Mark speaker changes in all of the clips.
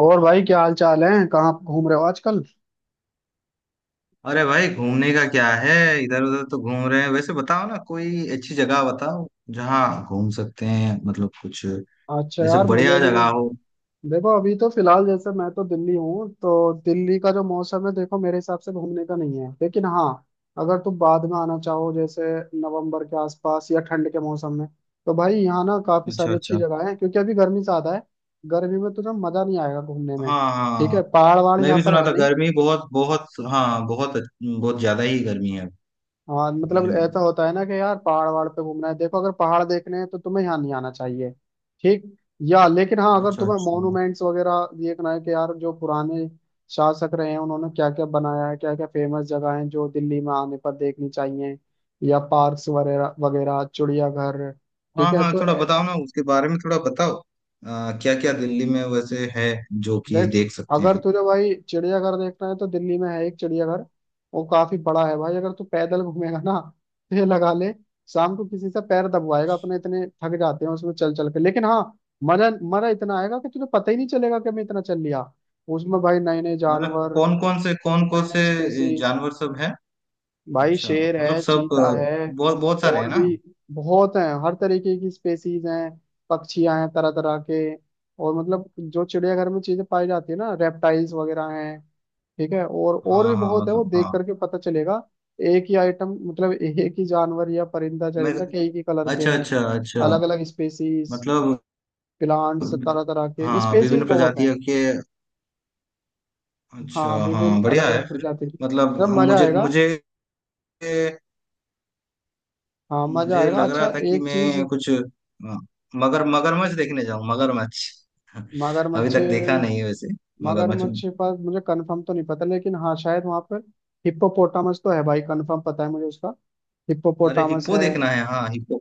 Speaker 1: और भाई क्या हाल चाल है। कहाँ घूम रहे हो आजकल?
Speaker 2: अरे भाई घूमने का क्या है। इधर उधर तो घूम रहे हैं। वैसे बताओ ना, कोई अच्छी जगह बताओ जहाँ घूम सकते हैं, मतलब कुछ
Speaker 1: अच्छा
Speaker 2: ऐसे
Speaker 1: यार, मुझे
Speaker 2: बढ़िया
Speaker 1: भी
Speaker 2: जगह हो।
Speaker 1: देखो अभी तो फिलहाल जैसे मैं तो दिल्ली हूँ, तो दिल्ली का जो मौसम है देखो मेरे हिसाब से घूमने का नहीं है। लेकिन हाँ, अगर तुम बाद में आना चाहो जैसे नवंबर के आसपास या ठंड के मौसम में, तो भाई यहाँ ना काफी
Speaker 2: अच्छा
Speaker 1: सारी अच्छी
Speaker 2: अच्छा।
Speaker 1: जगह है क्योंकि अभी गर्मी ज्यादा है। गर्मी में तुझे मजा नहीं आएगा घूमने में।
Speaker 2: हाँ हाँ
Speaker 1: ठीक
Speaker 2: हाँ।
Speaker 1: है, पहाड़ वहाड़
Speaker 2: मैं
Speaker 1: यहाँ
Speaker 2: भी
Speaker 1: पर
Speaker 2: सुना
Speaker 1: है
Speaker 2: था
Speaker 1: नहीं।
Speaker 2: गर्मी बहुत बहुत, हाँ बहुत बहुत ज्यादा ही गर्मी है
Speaker 1: हाँ मतलब
Speaker 2: दिल्ली में।
Speaker 1: ऐसा होता है ना कि यार पहाड़ वहाड़ पे घूमना है। देखो, अगर पहाड़ देखने हैं तो तुम्हें यहाँ नहीं आना चाहिए। ठीक, या लेकिन हाँ, अगर
Speaker 2: अच्छा
Speaker 1: तुम्हें
Speaker 2: अच्छा।
Speaker 1: मॉन्यूमेंट्स वगैरह देखना है कि यार जो पुराने शासक रहे हैं उन्होंने क्या क्या बनाया है, क्या क्या फेमस जगह हैं जो दिल्ली में आने पर देखनी चाहिए, या पार्क्स वगैरह वगैरह, चिड़ियाघर। ठीक
Speaker 2: हाँ
Speaker 1: है
Speaker 2: हाँ,
Speaker 1: तो
Speaker 2: थोड़ा बताओ ना उसके बारे में, थोड़ा बताओ क्या क्या दिल्ली में वैसे है जो कि
Speaker 1: देख,
Speaker 2: देख सकते
Speaker 1: अगर
Speaker 2: हैं।
Speaker 1: तुझे भाई चिड़ियाघर देखना है, तो दिल्ली में है एक चिड़ियाघर। वो काफी बड़ा है भाई। अगर तू पैदल घूमेगा ना, तो ये लगा ले, शाम को किसी से पैर दबवाएगा अपने, इतने थक जाते हैं उसमें चल चल के। लेकिन हाँ, मजा मजा इतना आएगा कि तुझे पता ही नहीं चलेगा कि मैं इतना चल लिया। उसमें भाई नए नए
Speaker 2: मतलब
Speaker 1: जानवर,
Speaker 2: कौन कौन से, कौन कौन
Speaker 1: नए नए
Speaker 2: से
Speaker 1: स्पेसीज।
Speaker 2: जानवर सब है।
Speaker 1: भाई
Speaker 2: अच्छा,
Speaker 1: शेर
Speaker 2: मतलब
Speaker 1: है,
Speaker 2: सब
Speaker 1: चीता है
Speaker 2: बहुत बहुत सारे
Speaker 1: और
Speaker 2: हैं
Speaker 1: भी
Speaker 2: ना।
Speaker 1: बहुत हैं। हर तरीके की स्पेसीज हैं। पक्षियां हैं तरह तरह के। और मतलब जो चिड़ियाघर में चीजें पाई जाती है ना, रेप्टाइल्स वगैरह हैं। ठीक है, और भी
Speaker 2: हाँ हाँ,
Speaker 1: बहुत है, वो
Speaker 2: मतलब
Speaker 1: देख
Speaker 2: हाँ।
Speaker 1: करके पता चलेगा। एक ही आइटम मतलब एक ही जानवर या परिंदा
Speaker 2: मैं,
Speaker 1: चरिंदा कई ही कलर के
Speaker 2: अच्छा
Speaker 1: हैं।
Speaker 2: अच्छा अच्छा।
Speaker 1: अलग अलग स्पेसीज,
Speaker 2: मतलब
Speaker 1: प्लांट्स तरह तरह के
Speaker 2: हाँ,
Speaker 1: स्पेसीज
Speaker 2: विभिन्न
Speaker 1: बहुत हैं।
Speaker 2: प्रजातियों के।
Speaker 1: हाँ
Speaker 2: अच्छा,
Speaker 1: विभिन्न
Speaker 2: हाँ
Speaker 1: अलग
Speaker 2: बढ़िया है
Speaker 1: अलग
Speaker 2: फिर।
Speaker 1: प्रजाति की,
Speaker 2: मतलब
Speaker 1: मतलब
Speaker 2: हाँ,
Speaker 1: मजा
Speaker 2: मुझे
Speaker 1: आएगा।
Speaker 2: मुझे
Speaker 1: हाँ मजा
Speaker 2: मुझे
Speaker 1: आएगा।
Speaker 2: लग रहा
Speaker 1: अच्छा
Speaker 2: था कि
Speaker 1: एक चीज
Speaker 2: मैं कुछ, हाँ, मगर मगरमच्छ देखने जाऊँ मगरमच्छ अभी
Speaker 1: मगरमच्छ,
Speaker 2: तक देखा नहीं है वैसे। मगरमच्छ।
Speaker 1: मगरमच्छ के पास मुझे कंफर्म तो नहीं पता, लेकिन हाँ शायद वहां पर हिप्पोपोटामस तो है भाई, कंफर्म पता है मुझे उसका।
Speaker 2: अरे
Speaker 1: हिप्पोपोटामस
Speaker 2: हिप्पो
Speaker 1: है,
Speaker 2: देखना है, हाँ हिप्पो।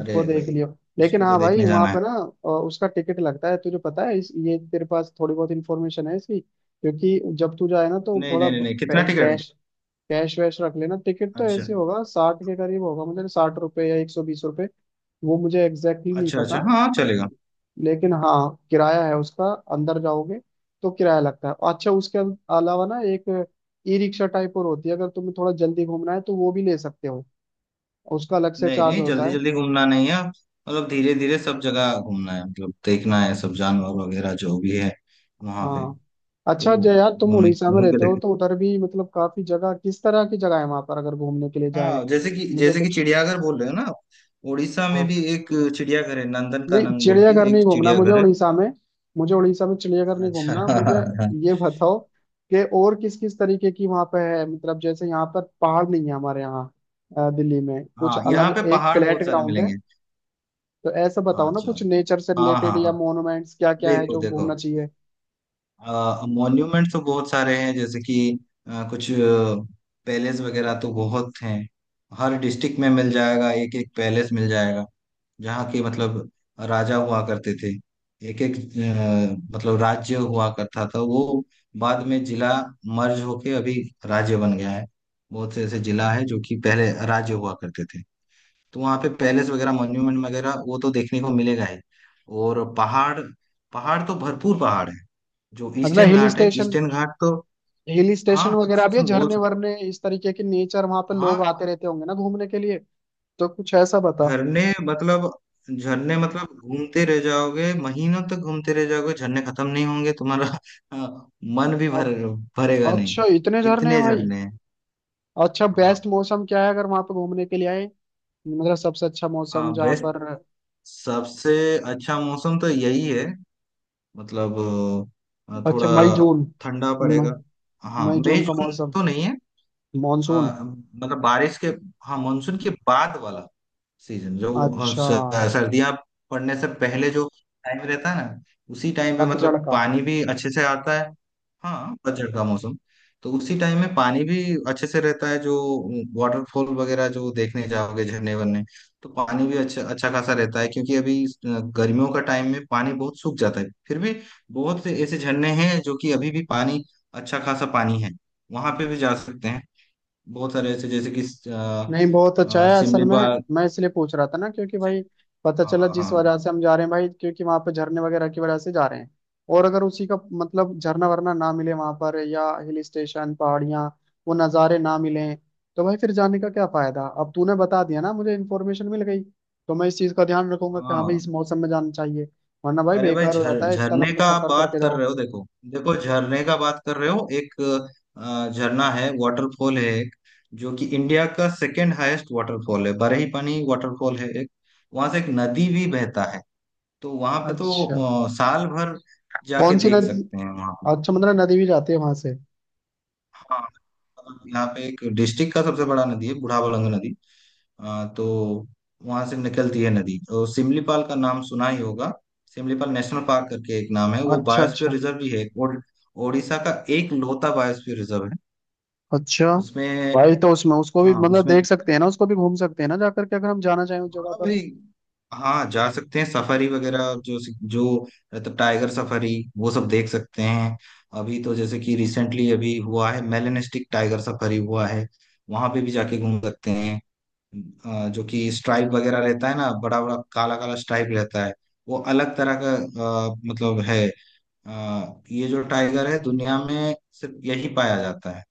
Speaker 2: अरे
Speaker 1: देख
Speaker 2: भाई
Speaker 1: लियो। लेकिन
Speaker 2: उसको तो
Speaker 1: हाँ भाई
Speaker 2: देखने
Speaker 1: वहां
Speaker 2: जाना है।
Speaker 1: पर ना उसका टिकट लगता है। तुझे पता है इस ये तेरे पास थोड़ी बहुत इन्फॉर्मेशन है इसकी, क्योंकि जब तू जाए ना तो
Speaker 2: नहीं
Speaker 1: थोड़ा
Speaker 2: नहीं नहीं नहीं कितना टिकट।
Speaker 1: कैश कैश वैश रख लेना। टिकट तो
Speaker 2: अच्छा
Speaker 1: ऐसे होगा 60 के करीब होगा, मुझे 60 रुपए या 120 रुपए, वो मुझे एग्जैक्टली नहीं
Speaker 2: अच्छा, अच्छा
Speaker 1: पता।
Speaker 2: हाँ चलेगा।
Speaker 1: लेकिन हाँ किराया है उसका, अंदर जाओगे तो किराया लगता है। अच्छा, उसके अलावा ना एक ई रिक्शा टाइप और होती है। अगर तुम्हें थोड़ा जल्दी घूमना है तो वो भी ले सकते हो, उसका अलग से
Speaker 2: नहीं
Speaker 1: चार्ज
Speaker 2: नहीं,
Speaker 1: होता
Speaker 2: जल्दी
Speaker 1: है।
Speaker 2: जल्दी घूमना नहीं है, मतलब धीरे धीरे सब जगह घूमना है, मतलब देखना है सब जानवर वगैरह जो भी है वहां पे
Speaker 1: हाँ,
Speaker 2: तो।
Speaker 1: अच्छा जय यार, तुम
Speaker 2: घूमने
Speaker 1: उड़ीसा में
Speaker 2: घूम के
Speaker 1: रहते हो
Speaker 2: देखें,
Speaker 1: तो उधर भी मतलब काफी जगह, किस तरह की जगह है वहां पर अगर घूमने के लिए जाए?
Speaker 2: हाँ जैसे कि,
Speaker 1: मुझे
Speaker 2: जैसे कि
Speaker 1: कुछ,
Speaker 2: चिड़ियाघर बोल रहे हो ना आप, उड़ीसा में
Speaker 1: हाँ
Speaker 2: भी एक चिड़ियाघर है, नंदन
Speaker 1: नहीं,
Speaker 2: कानन बोल के
Speaker 1: चिड़ियाघर
Speaker 2: एक
Speaker 1: नहीं घूमना मुझे
Speaker 2: चिड़ियाघर है।
Speaker 1: उड़ीसा में। मुझे उड़ीसा में चिड़ियाघर नहीं
Speaker 2: अच्छा
Speaker 1: घूमना, मुझे ये बताओ कि और किस किस तरीके की वहां पे है, मतलब जैसे यहाँ पर पहाड़ नहीं है हमारे यहाँ। दिल्ली में कुछ
Speaker 2: हाँ यहाँ
Speaker 1: अलग,
Speaker 2: पे
Speaker 1: एक
Speaker 2: पहाड़
Speaker 1: फ्लैट
Speaker 2: बहुत सारे
Speaker 1: ग्राउंड है।
Speaker 2: मिलेंगे।
Speaker 1: तो ऐसा बताओ
Speaker 2: हाँ
Speaker 1: ना
Speaker 2: अच्छा।
Speaker 1: कुछ नेचर से
Speaker 2: हाँ
Speaker 1: रिलेटेड,
Speaker 2: हाँ
Speaker 1: या
Speaker 2: हाँ।
Speaker 1: मोन्यूमेंट्स क्या क्या है
Speaker 2: देखो
Speaker 1: जो
Speaker 2: देखो,
Speaker 1: घूमना चाहिए।
Speaker 2: मॉन्यूमेंट तो बहुत सारे हैं, जैसे कि कुछ पैलेस वगैरह तो बहुत हैं। हर डिस्ट्रिक्ट में मिल जाएगा, एक एक पैलेस मिल जाएगा जहाँ के मतलब राजा हुआ करते थे। एक एक मतलब राज्य हुआ करता था वो, बाद में जिला मर्ज होके अभी राज्य बन गया है। बहुत से ऐसे जिला है जो कि पहले राज्य हुआ करते थे। तो वहाँ पे पैलेस वगैरह, मॉन्यूमेंट वगैरह वो तो देखने को मिलेगा ही। और पहाड़, पहाड़ तो भरपूर पहाड़ है। जो
Speaker 1: मतलब
Speaker 2: ईस्टर्न
Speaker 1: हिल
Speaker 2: घाट है,
Speaker 1: स्टेशन,
Speaker 2: ईस्टर्न घाट तो।
Speaker 1: हिल
Speaker 2: हाँ
Speaker 1: स्टेशन
Speaker 2: हिल
Speaker 1: वगैरह भी है?
Speaker 2: स्टेशन बोल
Speaker 1: झरने
Speaker 2: सकते
Speaker 1: वरने इस तरीके के नेचर, वहां पे
Speaker 2: हो।
Speaker 1: लोग
Speaker 2: हाँ
Speaker 1: आते रहते होंगे ना घूमने के लिए? तो कुछ ऐसा बता।
Speaker 2: झरने मतलब, झरने मतलब घूमते रह जाओगे, महीनों तक घूमते रह जाओगे, झरने खत्म नहीं होंगे तुम्हारा हाँ, मन भी
Speaker 1: अ-
Speaker 2: भर भरेगा नहीं।
Speaker 1: अच्छा इतने झरने हैं
Speaker 2: इतने
Speaker 1: भाई!
Speaker 2: झरने हैं।
Speaker 1: अच्छा
Speaker 2: हाँ
Speaker 1: बेस्ट मौसम क्या है अगर वहां पे घूमने के लिए आए, मतलब सबसे अच्छा मौसम
Speaker 2: हाँ,
Speaker 1: जहाँ
Speaker 2: बेस्ट
Speaker 1: पर।
Speaker 2: सबसे अच्छा मौसम तो यही है मतलब
Speaker 1: अच्छा
Speaker 2: थोड़ा
Speaker 1: मई जून,
Speaker 2: ठंडा
Speaker 1: मई
Speaker 2: पड़ेगा। हाँ
Speaker 1: मई
Speaker 2: मई
Speaker 1: जून का
Speaker 2: जून
Speaker 1: मौसम?
Speaker 2: तो नहीं है, अ,
Speaker 1: मॉनसून?
Speaker 2: मतलब बारिश के, हाँ मानसून के बाद वाला सीजन जो, हाँ,
Speaker 1: अच्छा,
Speaker 2: सर्दियाँ पड़ने से पहले जो टाइम रहता है ना, उसी टाइम पे
Speaker 1: पतझड़
Speaker 2: मतलब
Speaker 1: का।
Speaker 2: पानी भी अच्छे से आता है। हाँ पतझड़ का मौसम, तो उसी टाइम में पानी भी अच्छे से रहता है जो वाटरफॉल वगैरह जो देखने जाओगे, झरने वरने, तो पानी भी अच्छा अच्छा खासा रहता है, क्योंकि अभी गर्मियों का टाइम में पानी बहुत सूख जाता है। फिर भी बहुत से ऐसे झरने हैं जो कि अभी भी पानी, अच्छा खासा पानी है, वहां पे भी जा सकते हैं। बहुत सारे ऐसे, जैसे कि अ,
Speaker 1: नहीं, बहुत अच्छा है असल में।
Speaker 2: सिमलीपाल।
Speaker 1: मैं इसलिए पूछ रहा था ना, क्योंकि भाई पता
Speaker 2: हाँ
Speaker 1: चला जिस
Speaker 2: हाँ
Speaker 1: वजह से हम जा रहे हैं भाई, क्योंकि वहां पे झरने वगैरह की वजह से जा रहे हैं। और अगर उसी का मतलब झरना वरना ना मिले वहां पर, या हिल स्टेशन पहाड़ियाँ वो नज़ारे ना मिले, तो भाई फिर जाने का क्या फायदा। अब तूने बता दिया ना मुझे, इन्फॉर्मेशन मिल गई। तो मैं इस चीज़ का ध्यान रखूंगा कि हाँ भाई इस
Speaker 2: हाँ।
Speaker 1: मौसम में जाना चाहिए, वरना भाई
Speaker 2: अरे भाई
Speaker 1: बेकार हो
Speaker 2: झर
Speaker 1: जाता है इतना
Speaker 2: झरने
Speaker 1: लंबा
Speaker 2: का आप
Speaker 1: सफर
Speaker 2: बात
Speaker 1: करके
Speaker 2: कर
Speaker 1: जाओ।
Speaker 2: रहे हो, देखो देखो झरने का बात कर रहे हो, एक झरना है, वाटरफॉल है एक जो कि इंडिया का सेकेंड हाईएस्ट वाटरफॉल है, बरही पानी वाटरफॉल है एक। वहां से एक नदी भी बहता है, तो वहां पे तो
Speaker 1: अच्छा
Speaker 2: साल भर जाके
Speaker 1: कौन सी
Speaker 2: देख
Speaker 1: नदी?
Speaker 2: सकते हैं वहां पे।
Speaker 1: अच्छा मतलब नदी भी जाती है वहां से।
Speaker 2: हाँ मतलब यहाँ पे एक डिस्ट्रिक्ट का सबसे बड़ा नदी है, बुढ़ाबलंग नदी, तो वहां से निकलती है नदी। और सिमलीपाल का नाम सुना ही होगा, सिमलीपाल नेशनल पार्क करके एक नाम है। वो
Speaker 1: अच्छा
Speaker 2: बायोस्फीयर
Speaker 1: अच्छा
Speaker 2: रिजर्व भी है एक और, ओडिशा का एक लौता बायोस्फीयर रिजर्व है
Speaker 1: अच्छा,
Speaker 2: उसमें।
Speaker 1: भाई तो उसमें उसको भी
Speaker 2: हाँ
Speaker 1: मतलब
Speaker 2: उसमें,
Speaker 1: देख सकते हैं ना, उसको भी घूम सकते हैं ना जाकर के, अगर हम जाना चाहें उस जगह
Speaker 2: हाँ
Speaker 1: पर।
Speaker 2: भाई हाँ जा सकते हैं। सफारी वगैरह जो, जो मतलब टाइगर सफारी, वो सब देख सकते हैं। अभी तो जैसे कि रिसेंटली अभी हुआ है, मेलेनिस्टिक टाइगर सफारी हुआ है, वहां पे भी जाके घूम सकते हैं। जो कि स्ट्राइप वगैरह रहता है ना, बड़ा बड़ा काला काला स्ट्राइप रहता है। वो अलग तरह का मतलब है ये जो टाइगर है दुनिया में सिर्फ यही पाया जाता है।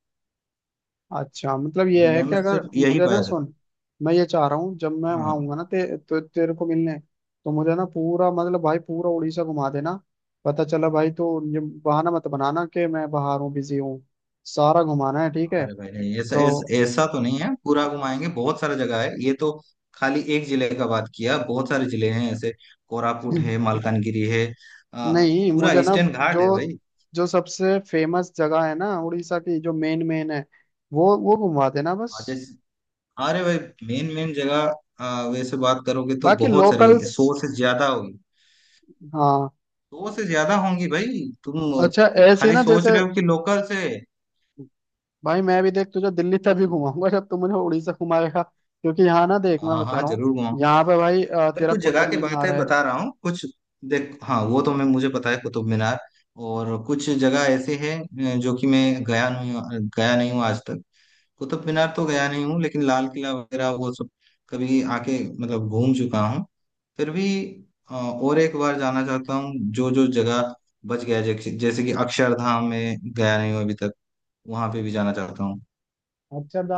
Speaker 1: अच्छा मतलब ये है
Speaker 2: दुनिया
Speaker 1: कि
Speaker 2: में
Speaker 1: अगर
Speaker 2: सिर्फ यही
Speaker 1: मुझे
Speaker 2: पाया
Speaker 1: ना
Speaker 2: जाता
Speaker 1: सुन, मैं ये चाह रहा हूँ जब मैं
Speaker 2: है।
Speaker 1: वहां
Speaker 2: हाँ।
Speaker 1: आऊंगा ना तेरे को मिलने, तो मुझे ना पूरा मतलब भाई पूरा उड़ीसा घुमा देना। पता चला भाई तो ये बहाना मत बनाना कि मैं बाहर हूँ बिजी हूँ, सारा घुमाना है, ठीक है
Speaker 2: अरे भाई नहीं, ऐसा
Speaker 1: तो?
Speaker 2: ऐसा ऐसा तो नहीं है, पूरा घुमाएंगे, बहुत सारा जगह है ये तो। खाली एक जिले का बात किया, बहुत सारे जिले हैं ऐसे, कोरापुट है, मालकानगिरी है, अ,
Speaker 1: नहीं,
Speaker 2: पूरा
Speaker 1: मुझे ना
Speaker 2: ईस्टर्न घाट
Speaker 1: जो,
Speaker 2: है
Speaker 1: जो सबसे फेमस जगह है ना उड़ीसा की, जो मेन मेन है वो घुमा देना बस,
Speaker 2: भाई। हाँ, अरे भाई मेन मेन जगह, वैसे बात करोगे तो
Speaker 1: बाकी
Speaker 2: बहुत सारी,
Speaker 1: लोकल्स।
Speaker 2: सौ से ज्यादा होगी,
Speaker 1: हाँ,
Speaker 2: सौ से ज्यादा होंगी भाई। तुम
Speaker 1: अच्छा ऐसे ही
Speaker 2: खाली
Speaker 1: ना जैसे।
Speaker 2: सोच रहे हो कि लोकल से।
Speaker 1: भाई मैं भी देख, तुझे दिल्ली तभी
Speaker 2: तुम,
Speaker 1: घुमाऊंगा जब तू मुझे उड़ीसा घुमाएगा, क्योंकि यहाँ ना देख मैं
Speaker 2: हाँ
Speaker 1: बता
Speaker 2: हाँ
Speaker 1: रहा हूँ,
Speaker 2: जरूर घुमाओ,
Speaker 1: यहाँ पे भाई
Speaker 2: पर
Speaker 1: तेरा
Speaker 2: कुछ जगह
Speaker 1: कुतुब
Speaker 2: के
Speaker 1: मीनार
Speaker 2: बातें
Speaker 1: है।
Speaker 2: बता रहा हूँ कुछ। देख हाँ, वो तो मैं मुझे पता है कुतुब मीनार। और कुछ जगह ऐसे हैं जो कि मैं गया नहीं, गया नहीं हूँ आज तक। कुतुब मीनार तो गया नहीं हूँ, लेकिन लाल किला वगैरह वो सब कभी आके मतलब घूम चुका हूँ। फिर भी और एक बार जाना चाहता हूँ, जो जो जगह बच गया है, जैसे जैसे कि अक्षरधाम में गया नहीं हूँ अभी तक, वहां पे भी जाना चाहता हूँ।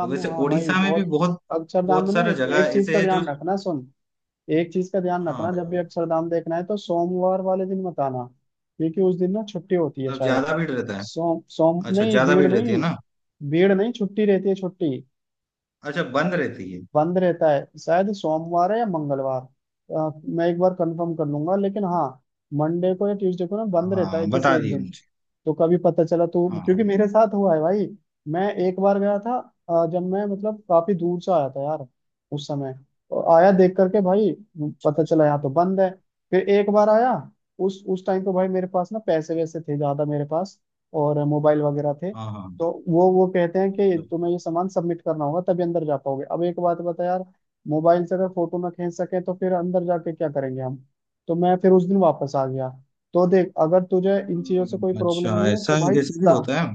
Speaker 2: और
Speaker 1: में,
Speaker 2: वैसे
Speaker 1: हाँ भाई
Speaker 2: उड़ीसा में भी
Speaker 1: बहुत।
Speaker 2: बहुत
Speaker 1: अक्षरधाम में
Speaker 2: बहुत
Speaker 1: ना
Speaker 2: सारा जगह
Speaker 1: एक चीज
Speaker 2: ऐसे
Speaker 1: का
Speaker 2: है जो।
Speaker 1: ध्यान रखना सुन, एक चीज का ध्यान
Speaker 2: हाँ
Speaker 1: रखना। जब भी
Speaker 2: भाई,
Speaker 1: अक्षरधाम देखना है तो सोमवार वाले दिन मत आना, क्योंकि उस दिन ना छुट्टी होती है
Speaker 2: मतलब
Speaker 1: शायद।
Speaker 2: ज्यादा भीड़ रहता है।
Speaker 1: सोम सोम
Speaker 2: अच्छा
Speaker 1: नहीं,
Speaker 2: ज्यादा
Speaker 1: भीड़
Speaker 2: भीड़ रहती है
Speaker 1: नहीं,
Speaker 2: ना।
Speaker 1: भीड़ नहीं, छुट्टी रहती है, छुट्टी।
Speaker 2: अच्छा बंद रहती है।
Speaker 1: बंद रहता है शायद, सोमवार है या मंगलवार, मैं एक बार कंफर्म कर लूंगा। लेकिन हाँ मंडे को या ट्यूसडे को ना बंद रहता है
Speaker 2: हाँ
Speaker 1: किसी
Speaker 2: बता
Speaker 1: एक
Speaker 2: दिए
Speaker 1: दिन।
Speaker 2: मुझे।
Speaker 1: तो कभी पता चला तो,
Speaker 2: हाँ
Speaker 1: क्योंकि
Speaker 2: हाँ।
Speaker 1: मेरे साथ हुआ है भाई, मैं एक बार गया था। जब मैं मतलब काफी दूर से आया था यार उस समय, और आया देख करके भाई पता चला यहाँ तो बंद है। फिर एक बार आया, उस टाइम पे भाई मेरे पास ना पैसे वैसे थे ज्यादा मेरे पास, और मोबाइल वगैरह थे।
Speaker 2: हाँ हाँ।
Speaker 1: तो वो कहते हैं कि
Speaker 2: अच्छा
Speaker 1: तुम्हें
Speaker 2: अच्छा।
Speaker 1: ये सामान सबमिट करना होगा तभी अंदर जा पाओगे। अब एक बात बता यार, मोबाइल से अगर फोटो ना खींच सके तो फिर अंदर जाके क्या करेंगे हम? तो मैं फिर उस दिन वापस आ गया। तो देख, अगर तुझे इन चीजों से कोई प्रॉब्लम
Speaker 2: अच्छा
Speaker 1: नहीं है तो
Speaker 2: ऐसा,
Speaker 1: भाई
Speaker 2: ऐसे भी होता है।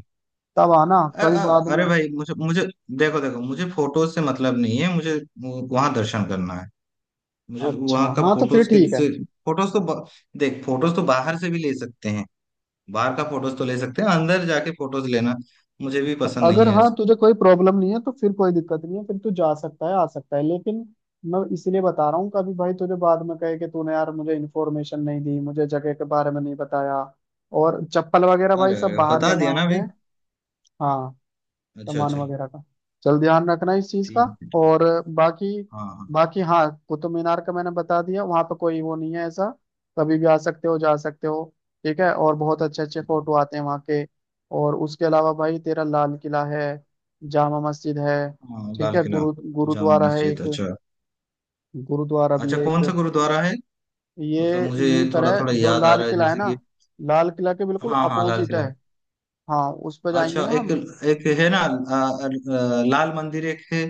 Speaker 1: तब आना कभी बाद में।
Speaker 2: अरे भाई मुझे मुझे, देखो देखो, मुझे फोटोज से मतलब नहीं है, मुझे वहां दर्शन करना है। मुझे
Speaker 1: अच्छा
Speaker 2: वहां का
Speaker 1: हाँ तो फिर
Speaker 2: फोटोज के
Speaker 1: ठीक है।
Speaker 2: से, फोटोज तो ब- देख फोटोज तो बाहर से भी ले सकते हैं। बाहर का फोटोज तो ले सकते हैं, अंदर जाके फोटोज लेना मुझे भी पसंद नहीं
Speaker 1: अगर
Speaker 2: है
Speaker 1: हाँ
Speaker 2: ऐसा।
Speaker 1: तुझे कोई प्रॉब्लम नहीं है तो फिर कोई दिक्कत नहीं है, फिर तू जा सकता है आ सकता है, लेकिन मैं इसलिए बता रहा हूँ कभी भाई तुझे बाद में कहे कि तूने यार मुझे इन्फॉर्मेशन नहीं दी, मुझे जगह के बारे में नहीं बताया। और चप्पल वगैरह भाई
Speaker 2: अरे
Speaker 1: सब
Speaker 2: अरे
Speaker 1: बाहर
Speaker 2: बता
Speaker 1: जमा
Speaker 2: दिया ना
Speaker 1: होते
Speaker 2: भाई।
Speaker 1: हैं हाँ,
Speaker 2: अच्छा
Speaker 1: सामान
Speaker 2: अच्छा।
Speaker 1: वगैरह का। चल ध्यान रखना इस चीज का।
Speaker 2: ठीक है ठीक।
Speaker 1: और बाकी,
Speaker 2: हाँ हाँ।
Speaker 1: बाकी हाँ, कुतुब मीनार का मैंने बता दिया, वहां पर कोई वो नहीं है ऐसा, कभी भी आ सकते हो जा सकते हो। ठीक है, और बहुत अच्छे अच्छे फोटो आते हैं वहाँ के। और उसके अलावा भाई तेरा लाल किला है, जामा मस्जिद है।
Speaker 2: हाँ हाँ,
Speaker 1: ठीक
Speaker 2: लाल
Speaker 1: है,
Speaker 2: किला।
Speaker 1: गुरु
Speaker 2: जामा
Speaker 1: गुरुद्वारा है
Speaker 2: मस्जिद,
Speaker 1: एक,
Speaker 2: अच्छा
Speaker 1: गुरुद्वारा भी
Speaker 2: अच्छा,
Speaker 1: है एक।
Speaker 2: कौन सा गुरुद्वारा है।
Speaker 1: ये
Speaker 2: मतलब मुझे
Speaker 1: यहीं पर
Speaker 2: थोड़ा थोड़ा
Speaker 1: है जो
Speaker 2: याद आ
Speaker 1: लाल
Speaker 2: रहा है,
Speaker 1: किला है
Speaker 2: जैसे
Speaker 1: ना,
Speaker 2: कि
Speaker 1: लाल किला के बिल्कुल
Speaker 2: हाँ हाँ लाल
Speaker 1: अपोजिट है।
Speaker 2: किला।
Speaker 1: हाँ उस पर
Speaker 2: अच्छा
Speaker 1: जाएंगे ना
Speaker 2: एक,
Speaker 1: हम।
Speaker 2: एक है ना आ, आ, लाल मंदिर एक है।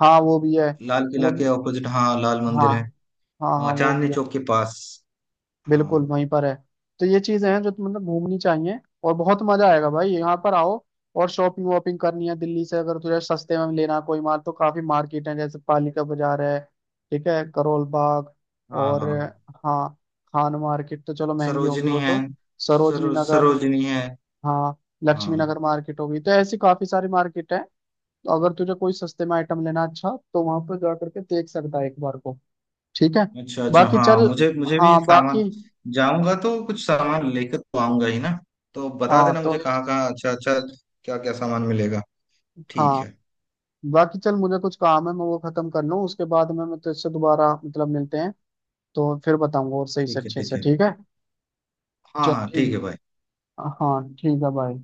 Speaker 1: हाँ वो भी है,
Speaker 2: लाल किला
Speaker 1: वो
Speaker 2: के
Speaker 1: भी,
Speaker 2: ऑपोजिट हाँ लाल
Speaker 1: हाँ
Speaker 2: मंदिर है।
Speaker 1: हाँ, हाँ
Speaker 2: हाँ,
Speaker 1: वो
Speaker 2: चांदनी
Speaker 1: भी है,
Speaker 2: चौक के पास।
Speaker 1: बिल्कुल
Speaker 2: हाँ
Speaker 1: वहीं पर है। तो ये चीजें हैं जो तो मतलब घूमनी चाहिए, और बहुत मजा आएगा भाई, यहाँ पर आओ। और शॉपिंग वॉपिंग करनी है दिल्ली से, अगर तुझे सस्ते में लेना कोई माल, तो काफी मार्केट है जैसे पालिका बाजार है। ठीक है, करोल बाग,
Speaker 2: हाँ
Speaker 1: और
Speaker 2: हाँ।
Speaker 1: हाँ, खान मार्केट तो चलो महंगी होगी
Speaker 2: सरोजनी
Speaker 1: वो
Speaker 2: है,
Speaker 1: तो। सरोजनी नगर,
Speaker 2: सरोजनी है।
Speaker 1: हाँ, लक्ष्मी
Speaker 2: हाँ
Speaker 1: नगर मार्केट होगी, तो ऐसी काफी सारी मार्केट है। तो अगर तुझे कोई सस्ते में आइटम लेना, अच्छा तो वहां पर जा करके देख सकता है एक बार को। ठीक है,
Speaker 2: अच्छा अच्छा,
Speaker 1: बाकी
Speaker 2: हाँ
Speaker 1: चल,
Speaker 2: मुझे मुझे भी
Speaker 1: हाँ बाकी,
Speaker 2: सामान, जाऊंगा तो कुछ सामान लेकर तो आऊंगा ही ना, तो बता
Speaker 1: हाँ
Speaker 2: देना
Speaker 1: तो,
Speaker 2: मुझे कहाँ कहाँ, अच्छा अच्छा, क्या क्या सामान मिलेगा। ठीक
Speaker 1: हाँ
Speaker 2: है।
Speaker 1: बाकी चल, मुझे कुछ काम है, मैं वो खत्म कर लूँ, उसके बाद में मैं तुझसे दोबारा मतलब मिलते हैं। तो फिर बताऊंगा और सही से
Speaker 2: ठीक है
Speaker 1: अच्छे
Speaker 2: ठीक
Speaker 1: से,
Speaker 2: है।
Speaker 1: ठीक है?
Speaker 2: हाँ
Speaker 1: चल
Speaker 2: हाँ ठीक है
Speaker 1: ठीक,
Speaker 2: भाई।
Speaker 1: हाँ ठीक है, बाय।